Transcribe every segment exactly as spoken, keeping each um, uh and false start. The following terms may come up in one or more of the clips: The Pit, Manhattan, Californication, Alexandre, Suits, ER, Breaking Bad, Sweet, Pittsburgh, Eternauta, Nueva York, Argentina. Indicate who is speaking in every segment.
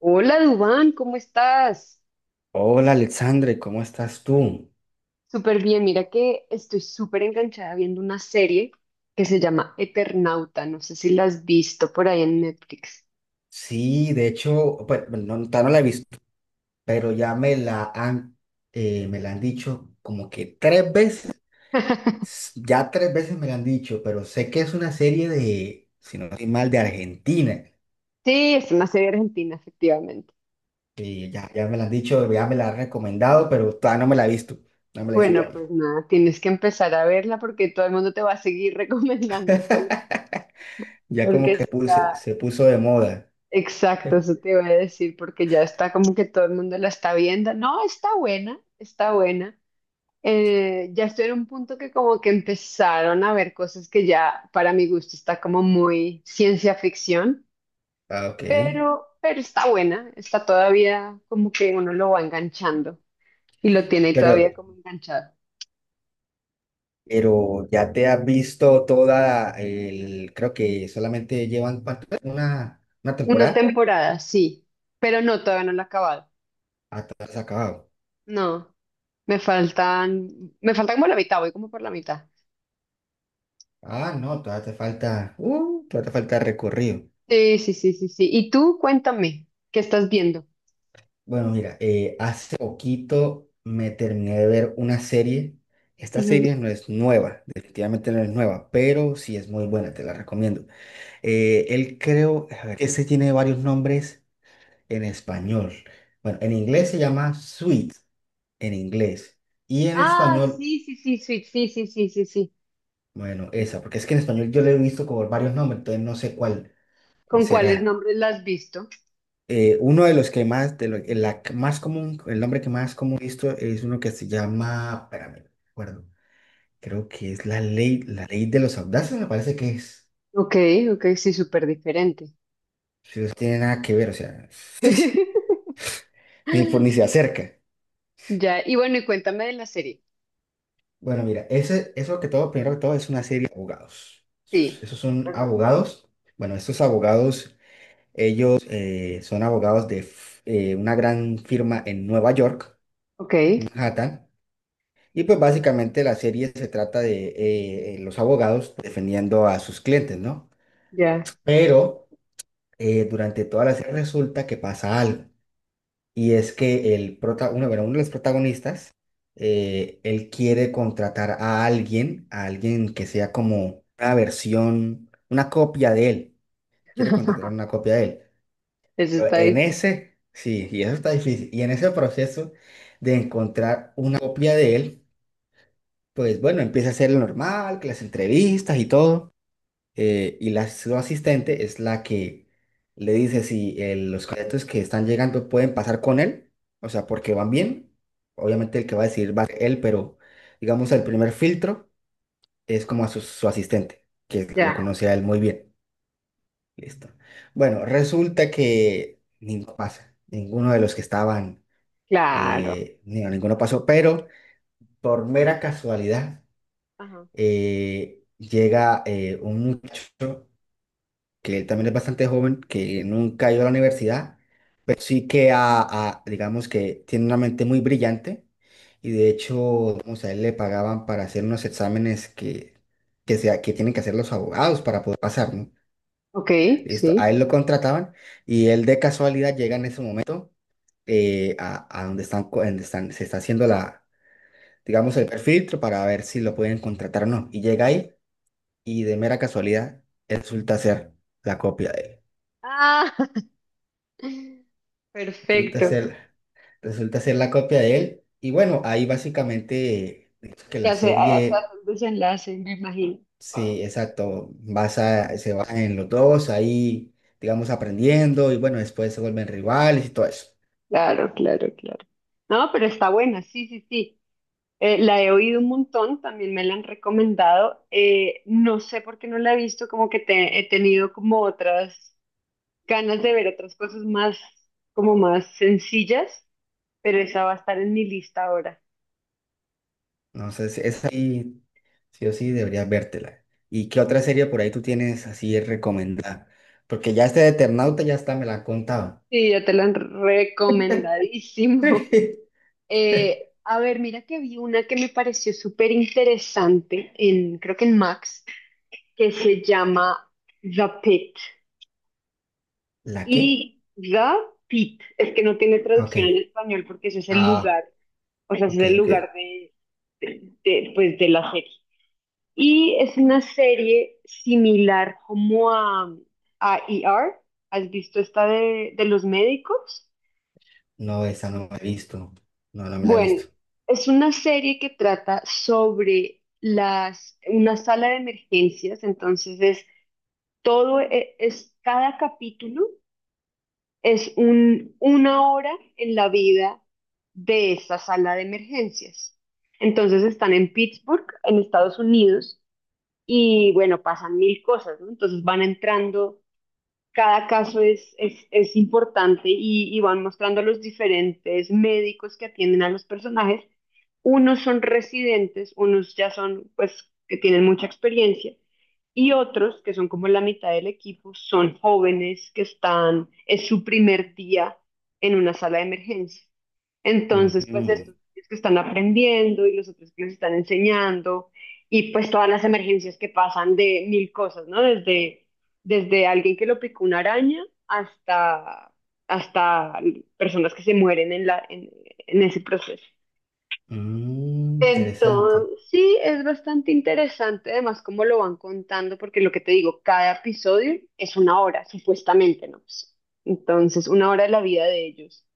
Speaker 1: Hola Dubán, ¿cómo estás?
Speaker 2: Hola Alexandre, ¿cómo estás tú?
Speaker 1: Súper bien, mira que estoy súper enganchada viendo una serie que se llama Eternauta, no sé si la has visto por ahí en Netflix.
Speaker 2: Sí, de hecho, pues no, todavía no la he visto, pero ya me la han, eh, me la han dicho como que tres veces. S- ya tres veces me la han dicho, pero sé que es una serie de, si no estoy mal, de Argentina.
Speaker 1: Sí, es una serie argentina, efectivamente.
Speaker 2: Y ya, ya me la han dicho, ya me la han recomendado, pero todavía no me la he visto, no me la he visto
Speaker 1: Bueno,
Speaker 2: todavía.
Speaker 1: pues nada, tienes que empezar a verla porque todo el mundo te va a seguir recomendándotela,
Speaker 2: Ya
Speaker 1: porque
Speaker 2: como que puse-
Speaker 1: está,
Speaker 2: se puso de moda.
Speaker 1: exacto, eso te voy a decir, porque ya está como que todo el mundo la está viendo. No, está buena, está buena. Eh, ya estoy en un punto que como que empezaron a ver cosas que ya para mi gusto está como muy ciencia ficción,
Speaker 2: Ah, ok.
Speaker 1: pero, pero está buena, está todavía como que uno lo va enganchando y lo tiene
Speaker 2: Pero,
Speaker 1: todavía como enganchado.
Speaker 2: Pero ya te has visto toda el, creo que solamente llevan ¿cuánto es? una, una
Speaker 1: Una
Speaker 2: temporada.
Speaker 1: temporada, sí, pero no, todavía no la he acabado.
Speaker 2: Ah, te ha acabado.
Speaker 1: No, me faltan, me falta como la mitad, voy como por la mitad.
Speaker 2: Ah, no, todavía te falta, uh, todavía te falta recorrido.
Speaker 1: Sí, sí, sí, sí, sí. Y tú cuéntame, ¿qué estás viendo?
Speaker 2: Bueno, mira, eh, hace poquito me terminé de ver una serie. Esta
Speaker 1: Ujú.
Speaker 2: serie no es nueva, definitivamente no es nueva, pero sí es muy buena, te la recomiendo. Eh, él creo, a ver, ese tiene varios nombres en español. Bueno, en inglés se llama Sweet, en inglés. Y en
Speaker 1: Ah,
Speaker 2: español,
Speaker 1: sí, sí, sí, sí, sí, sí, sí, sí, sí.
Speaker 2: bueno, esa, porque es que en español yo le he visto con varios nombres, entonces no sé cuál, cuál
Speaker 1: ¿Con cuáles
Speaker 2: será.
Speaker 1: nombres la has visto?
Speaker 2: Eh, uno de los que más, de lo- el, la que más común, el nombre que más común he visto es uno que se llama, espérame, no recuerdo, creo que es la ley, la ley de los audaces, me parece que es.
Speaker 1: Ok, ok, sí, súper diferente.
Speaker 2: Si no tiene nada que ver, o sea, ni, por- ni se acerca.
Speaker 1: Ya, y bueno, y cuéntame de la serie.
Speaker 2: Bueno, mira, ese, eso que todo, primero que todo, es una serie de abogados.
Speaker 1: Sí.
Speaker 2: Esos son
Speaker 1: Ajá.
Speaker 2: abogados. Bueno, estos abogados, ellos eh, son abogados de f- eh, una gran firma en Nueva York,
Speaker 1: Ok,
Speaker 2: Manhattan. Y pues básicamente la serie se trata de eh, eh, los abogados defendiendo a sus clientes, ¿no?
Speaker 1: ya.
Speaker 2: Pero eh, durante toda la serie resulta que pasa algo. Y es que el prota uno, bueno, uno de los protagonistas, eh, él quiere contratar a alguien, a alguien que sea como una versión, una copia de él. Quiere contratar una copia de él.
Speaker 1: Eso
Speaker 2: Pero
Speaker 1: está
Speaker 2: en
Speaker 1: difícil.
Speaker 2: ese, sí, y eso está difícil. Y en ese proceso de encontrar una copia de él, pues bueno, empieza a hacer lo normal, que las entrevistas y todo eh, y la su asistente es la que le dice si el- los cadetes que están llegando pueden pasar con él, o sea, porque van bien. Obviamente el que va a decidir va a ser él, pero digamos el primer filtro es como a su, su asistente, que lo
Speaker 1: Ya,
Speaker 2: conoce a él muy bien. Listo. Bueno, resulta que ninguno pasa, ninguno de los que estaban,
Speaker 1: claro.
Speaker 2: eh, ni- no, ninguno pasó, pero por mera casualidad
Speaker 1: Ajá.
Speaker 2: eh, llega eh, un muchacho que él también es bastante joven, que nunca ha ido a la universidad, pero sí que a, a- digamos que tiene una mente muy brillante y de hecho, digamos, a él le pagaban para hacer unos exámenes que, que, sea, que tienen que hacer los abogados para poder pasar, ¿no?
Speaker 1: Ok, sí.
Speaker 2: Listo, a él lo contrataban y él de casualidad llega en ese momento eh, a, a donde están, co- donde están, se está haciendo la, digamos, el perfil para ver si lo pueden contratar o no. Y llega ahí y de mera casualidad resulta ser la copia de él.
Speaker 1: Ah,
Speaker 2: Resulta
Speaker 1: perfecto.
Speaker 2: ser, resulta ser la copia de él. Y bueno, ahí básicamente es que la
Speaker 1: Ya sé, hasta
Speaker 2: serie,
Speaker 1: hace un desenlace, me imagino.
Speaker 2: sí, exacto, basa, se basa en los dos, ahí, digamos, aprendiendo y bueno, después se vuelven rivales y todo eso.
Speaker 1: Claro, claro, claro. No, pero está buena, sí, sí, sí. Eh, la he oído un montón, también me la han recomendado. Eh, no sé por qué no la he visto, como que te- he tenido como otras ganas de ver otras cosas más, como más sencillas, pero esa va a estar en mi lista ahora.
Speaker 2: No sé si es ahí, sí o sí, deberías vértela. ¿Y qué otra serie por ahí tú tienes así recomendada? Porque ya este de Eternauta ya está, me la han contado.
Speaker 1: Sí, ya te la han recomendadísimo. Eh, a ver, mira que vi una que me pareció súper interesante en, creo que en Max, que se llama The Pit.
Speaker 2: ¿La qué?
Speaker 1: Y Gapit, es que no tiene
Speaker 2: Ah, ok.
Speaker 1: traducción en español porque ese es el
Speaker 2: Ah,
Speaker 1: lugar, o sea, ese
Speaker 2: ok,
Speaker 1: es el
Speaker 2: ok.
Speaker 1: lugar de, de- de, pues, de la serie. Y es una serie similar como a, a E R. ¿Has visto esta de, de los médicos?
Speaker 2: No, esa no me la he visto. No, no me la he
Speaker 1: Bueno,
Speaker 2: visto.
Speaker 1: es una serie que trata sobre las, una sala de emergencias, entonces es todo, e- es cada capítulo. Es un, una hora en la vida de esta sala de emergencias. Entonces están en Pittsburgh, en Estados Unidos, y bueno, pasan mil cosas, ¿no? Entonces van entrando cada caso es, es, es importante, y, y van mostrando los diferentes médicos que atienden a los personajes. Unos son residentes, unos ya son, pues, que tienen mucha experiencia y otros, que son como la mitad del equipo, son jóvenes que están, es su primer día en una sala de emergencia. Entonces, pues
Speaker 2: Mm,
Speaker 1: estos que están aprendiendo y los otros que les están enseñando y pues todas las emergencias que pasan de mil cosas, ¿no? Desde desde alguien que lo picó una araña hasta, hasta personas que se mueren en la, en, en ese proceso.
Speaker 2: mm, interesante.
Speaker 1: Entonces, sí, es bastante interesante, además, cómo lo van contando, porque lo que te digo, cada episodio es una hora, supuestamente, ¿no? Pues, entonces, una hora de la vida de ellos.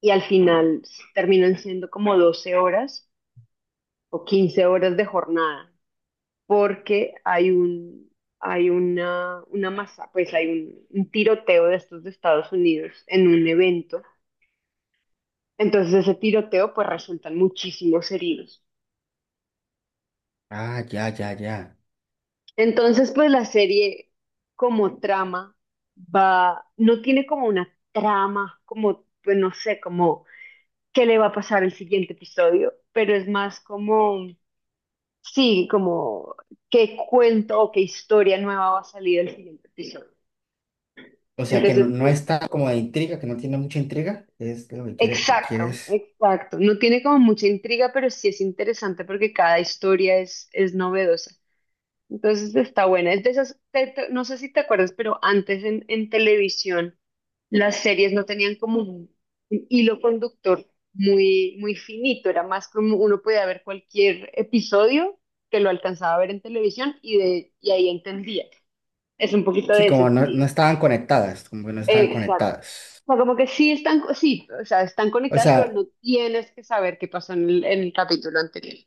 Speaker 1: Y al final terminan siendo como doce horas o quince horas de jornada, porque hay un, hay una, una masa, pues hay un, un tiroteo de estos de Estados Unidos en un evento. Entonces ese tiroteo pues resultan muchísimos heridos.
Speaker 2: Ah, ya, ya, ya.
Speaker 1: Entonces pues la serie como trama va, no tiene como una trama, como pues no sé, como qué le va a pasar el siguiente episodio, pero es más como, sí, como qué cuento o qué historia nueva va a salir el siguiente episodio.
Speaker 2: O sea que no,
Speaker 1: Entonces, sí,
Speaker 2: no está como de intriga, que no tiene mucha intriga. Es lo que quieres, te
Speaker 1: exacto,
Speaker 2: quieres.
Speaker 1: exacto. No tiene como mucha intriga, pero sí es interesante porque cada historia es, es novedosa. Entonces está buena. Es de esas, te- te- no sé si te acuerdas, pero antes en, en televisión las series no tenían como un, un hilo conductor muy, muy finito. Era más como uno podía ver cualquier episodio que lo alcanzaba a ver en televisión y, de, y ahí entendía. Es un poquito
Speaker 2: Sí,
Speaker 1: de ese
Speaker 2: como no, no
Speaker 1: estilo.
Speaker 2: estaban conectadas, como que no estaban
Speaker 1: Exacto
Speaker 2: conectadas.
Speaker 1: sea, como que sí están, sí, o sea, están
Speaker 2: O
Speaker 1: conectadas, pero
Speaker 2: sea,
Speaker 1: no tienes que saber qué pasó en el, en el capítulo anterior.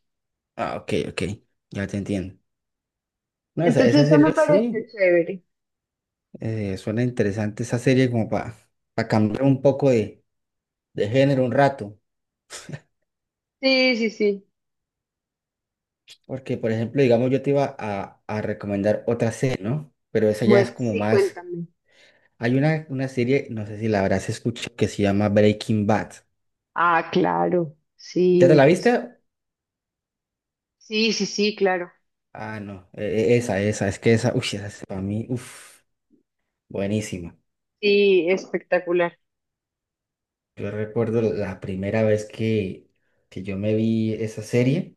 Speaker 2: ah, ok, ok, ya te entiendo. No, o sea,
Speaker 1: Entonces
Speaker 2: esa
Speaker 1: eso me
Speaker 2: serie
Speaker 1: parece
Speaker 2: sí,
Speaker 1: chévere.
Speaker 2: eh, suena interesante esa serie como para cambiar un poco de, de género un rato.
Speaker 1: Sí, sí, sí.
Speaker 2: Porque, por ejemplo, digamos, yo te iba a, a recomendar otra serie, ¿no? Pero esa ya es
Speaker 1: Muest-
Speaker 2: como
Speaker 1: sí,
Speaker 2: más.
Speaker 1: cuéntame.
Speaker 2: Hay una, una serie, no sé si la habrás escuchado, que se llama Breaking Bad.
Speaker 1: Ah, claro.
Speaker 2: ¿Ya
Speaker 1: Sí,
Speaker 2: te la
Speaker 1: impresionante.
Speaker 2: viste?
Speaker 1: Sí, sí, sí, claro.
Speaker 2: Ah, no, e- e- esa, esa, es que esa, uy, esa es para mí, uff, buenísima.
Speaker 1: Sí, espectacular.
Speaker 2: Yo recuerdo la primera vez que, que yo me vi esa serie,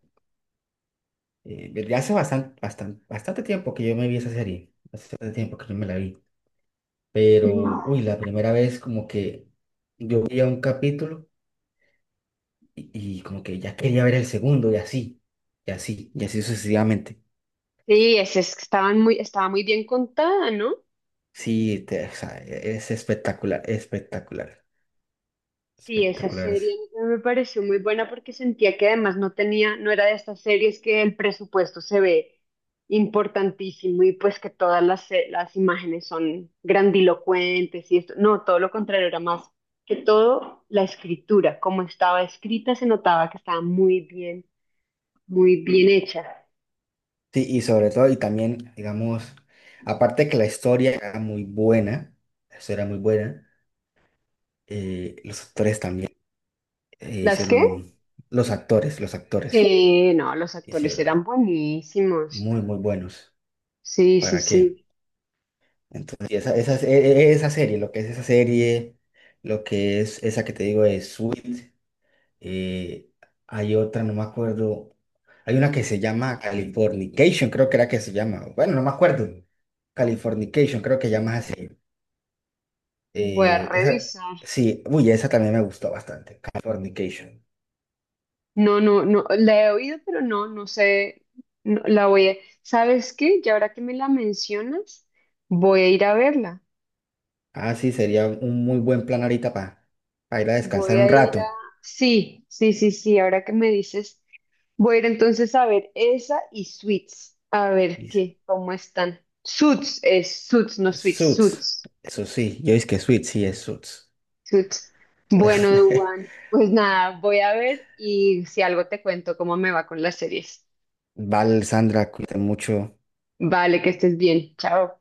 Speaker 2: eh, ya hace bastante, bastante, bastante tiempo que yo me vi esa serie, hace bastante tiempo que yo me la vi, pero,
Speaker 1: Ujú.
Speaker 2: uy, la primera vez como que yo veía un capítulo y, y como que ya quería ver el segundo y así, y así, y así sucesivamente.
Speaker 1: Sí, es, es que estaban muy, estaba muy bien contada, ¿no?
Speaker 2: Sí, te- o sea, e- es espectacular, espectacular,
Speaker 1: Sí, esa
Speaker 2: espectacular.
Speaker 1: serie
Speaker 2: Es-
Speaker 1: a mí me pareció muy buena porque sentía que además no tenía, no era de estas series que el presupuesto se ve importantísimo y pues que todas las, se- las imágenes son grandilocuentes y esto. No, todo lo contrario, era más que todo la escritura, como estaba escrita se notaba que estaba muy bien, muy bien hecha.
Speaker 2: Sí, y sobre todo, y también, digamos, aparte que la historia era muy buena, la historia era muy buena, eh, los actores también eh,
Speaker 1: ¿Las qué?
Speaker 2: hicieron un... Los actores, los actores
Speaker 1: Sí, no, los actores
Speaker 2: hicieron
Speaker 1: eran buenísimos.
Speaker 2: muy, muy buenos.
Speaker 1: Sí, sí,
Speaker 2: ¿Para
Speaker 1: sí.
Speaker 2: qué? Entonces, y esa, esa, e- e- esa serie, lo que es esa serie, lo que es esa que te digo es Sweet. eh, Hay otra, no me acuerdo. Hay una que se llama Californication, creo que era que se llama. Bueno, no me acuerdo. Californication, creo que llamas así.
Speaker 1: Voy a
Speaker 2: Eh, esa,
Speaker 1: revisar.
Speaker 2: sí, uy, esa también me gustó bastante. Californication.
Speaker 1: No, no, no, la he oído, pero no, no sé, no, la voy a... ¿Sabes qué? Y ahora que me la mencionas, voy a ir a verla.
Speaker 2: Ah, sí, sería un muy buen plan ahorita para ir a
Speaker 1: Voy
Speaker 2: descansar un
Speaker 1: a ir a...
Speaker 2: rato.
Speaker 1: Sí, sí, sí, sí, ahora que me dices, voy a ir entonces a ver esa y Suits, a ver
Speaker 2: Y
Speaker 1: qué, cómo están. Suits es Suits, no Suits,
Speaker 2: Suits,
Speaker 1: Suits,
Speaker 2: eso sí, yo es que Suits, sí es Suits.
Speaker 1: Suits. Bueno, Duan, pues nada, voy a ver y si algo te cuento cómo me va con las series.
Speaker 2: Val, Sandra, cuídate mucho.
Speaker 1: Vale, que estés bien, chao.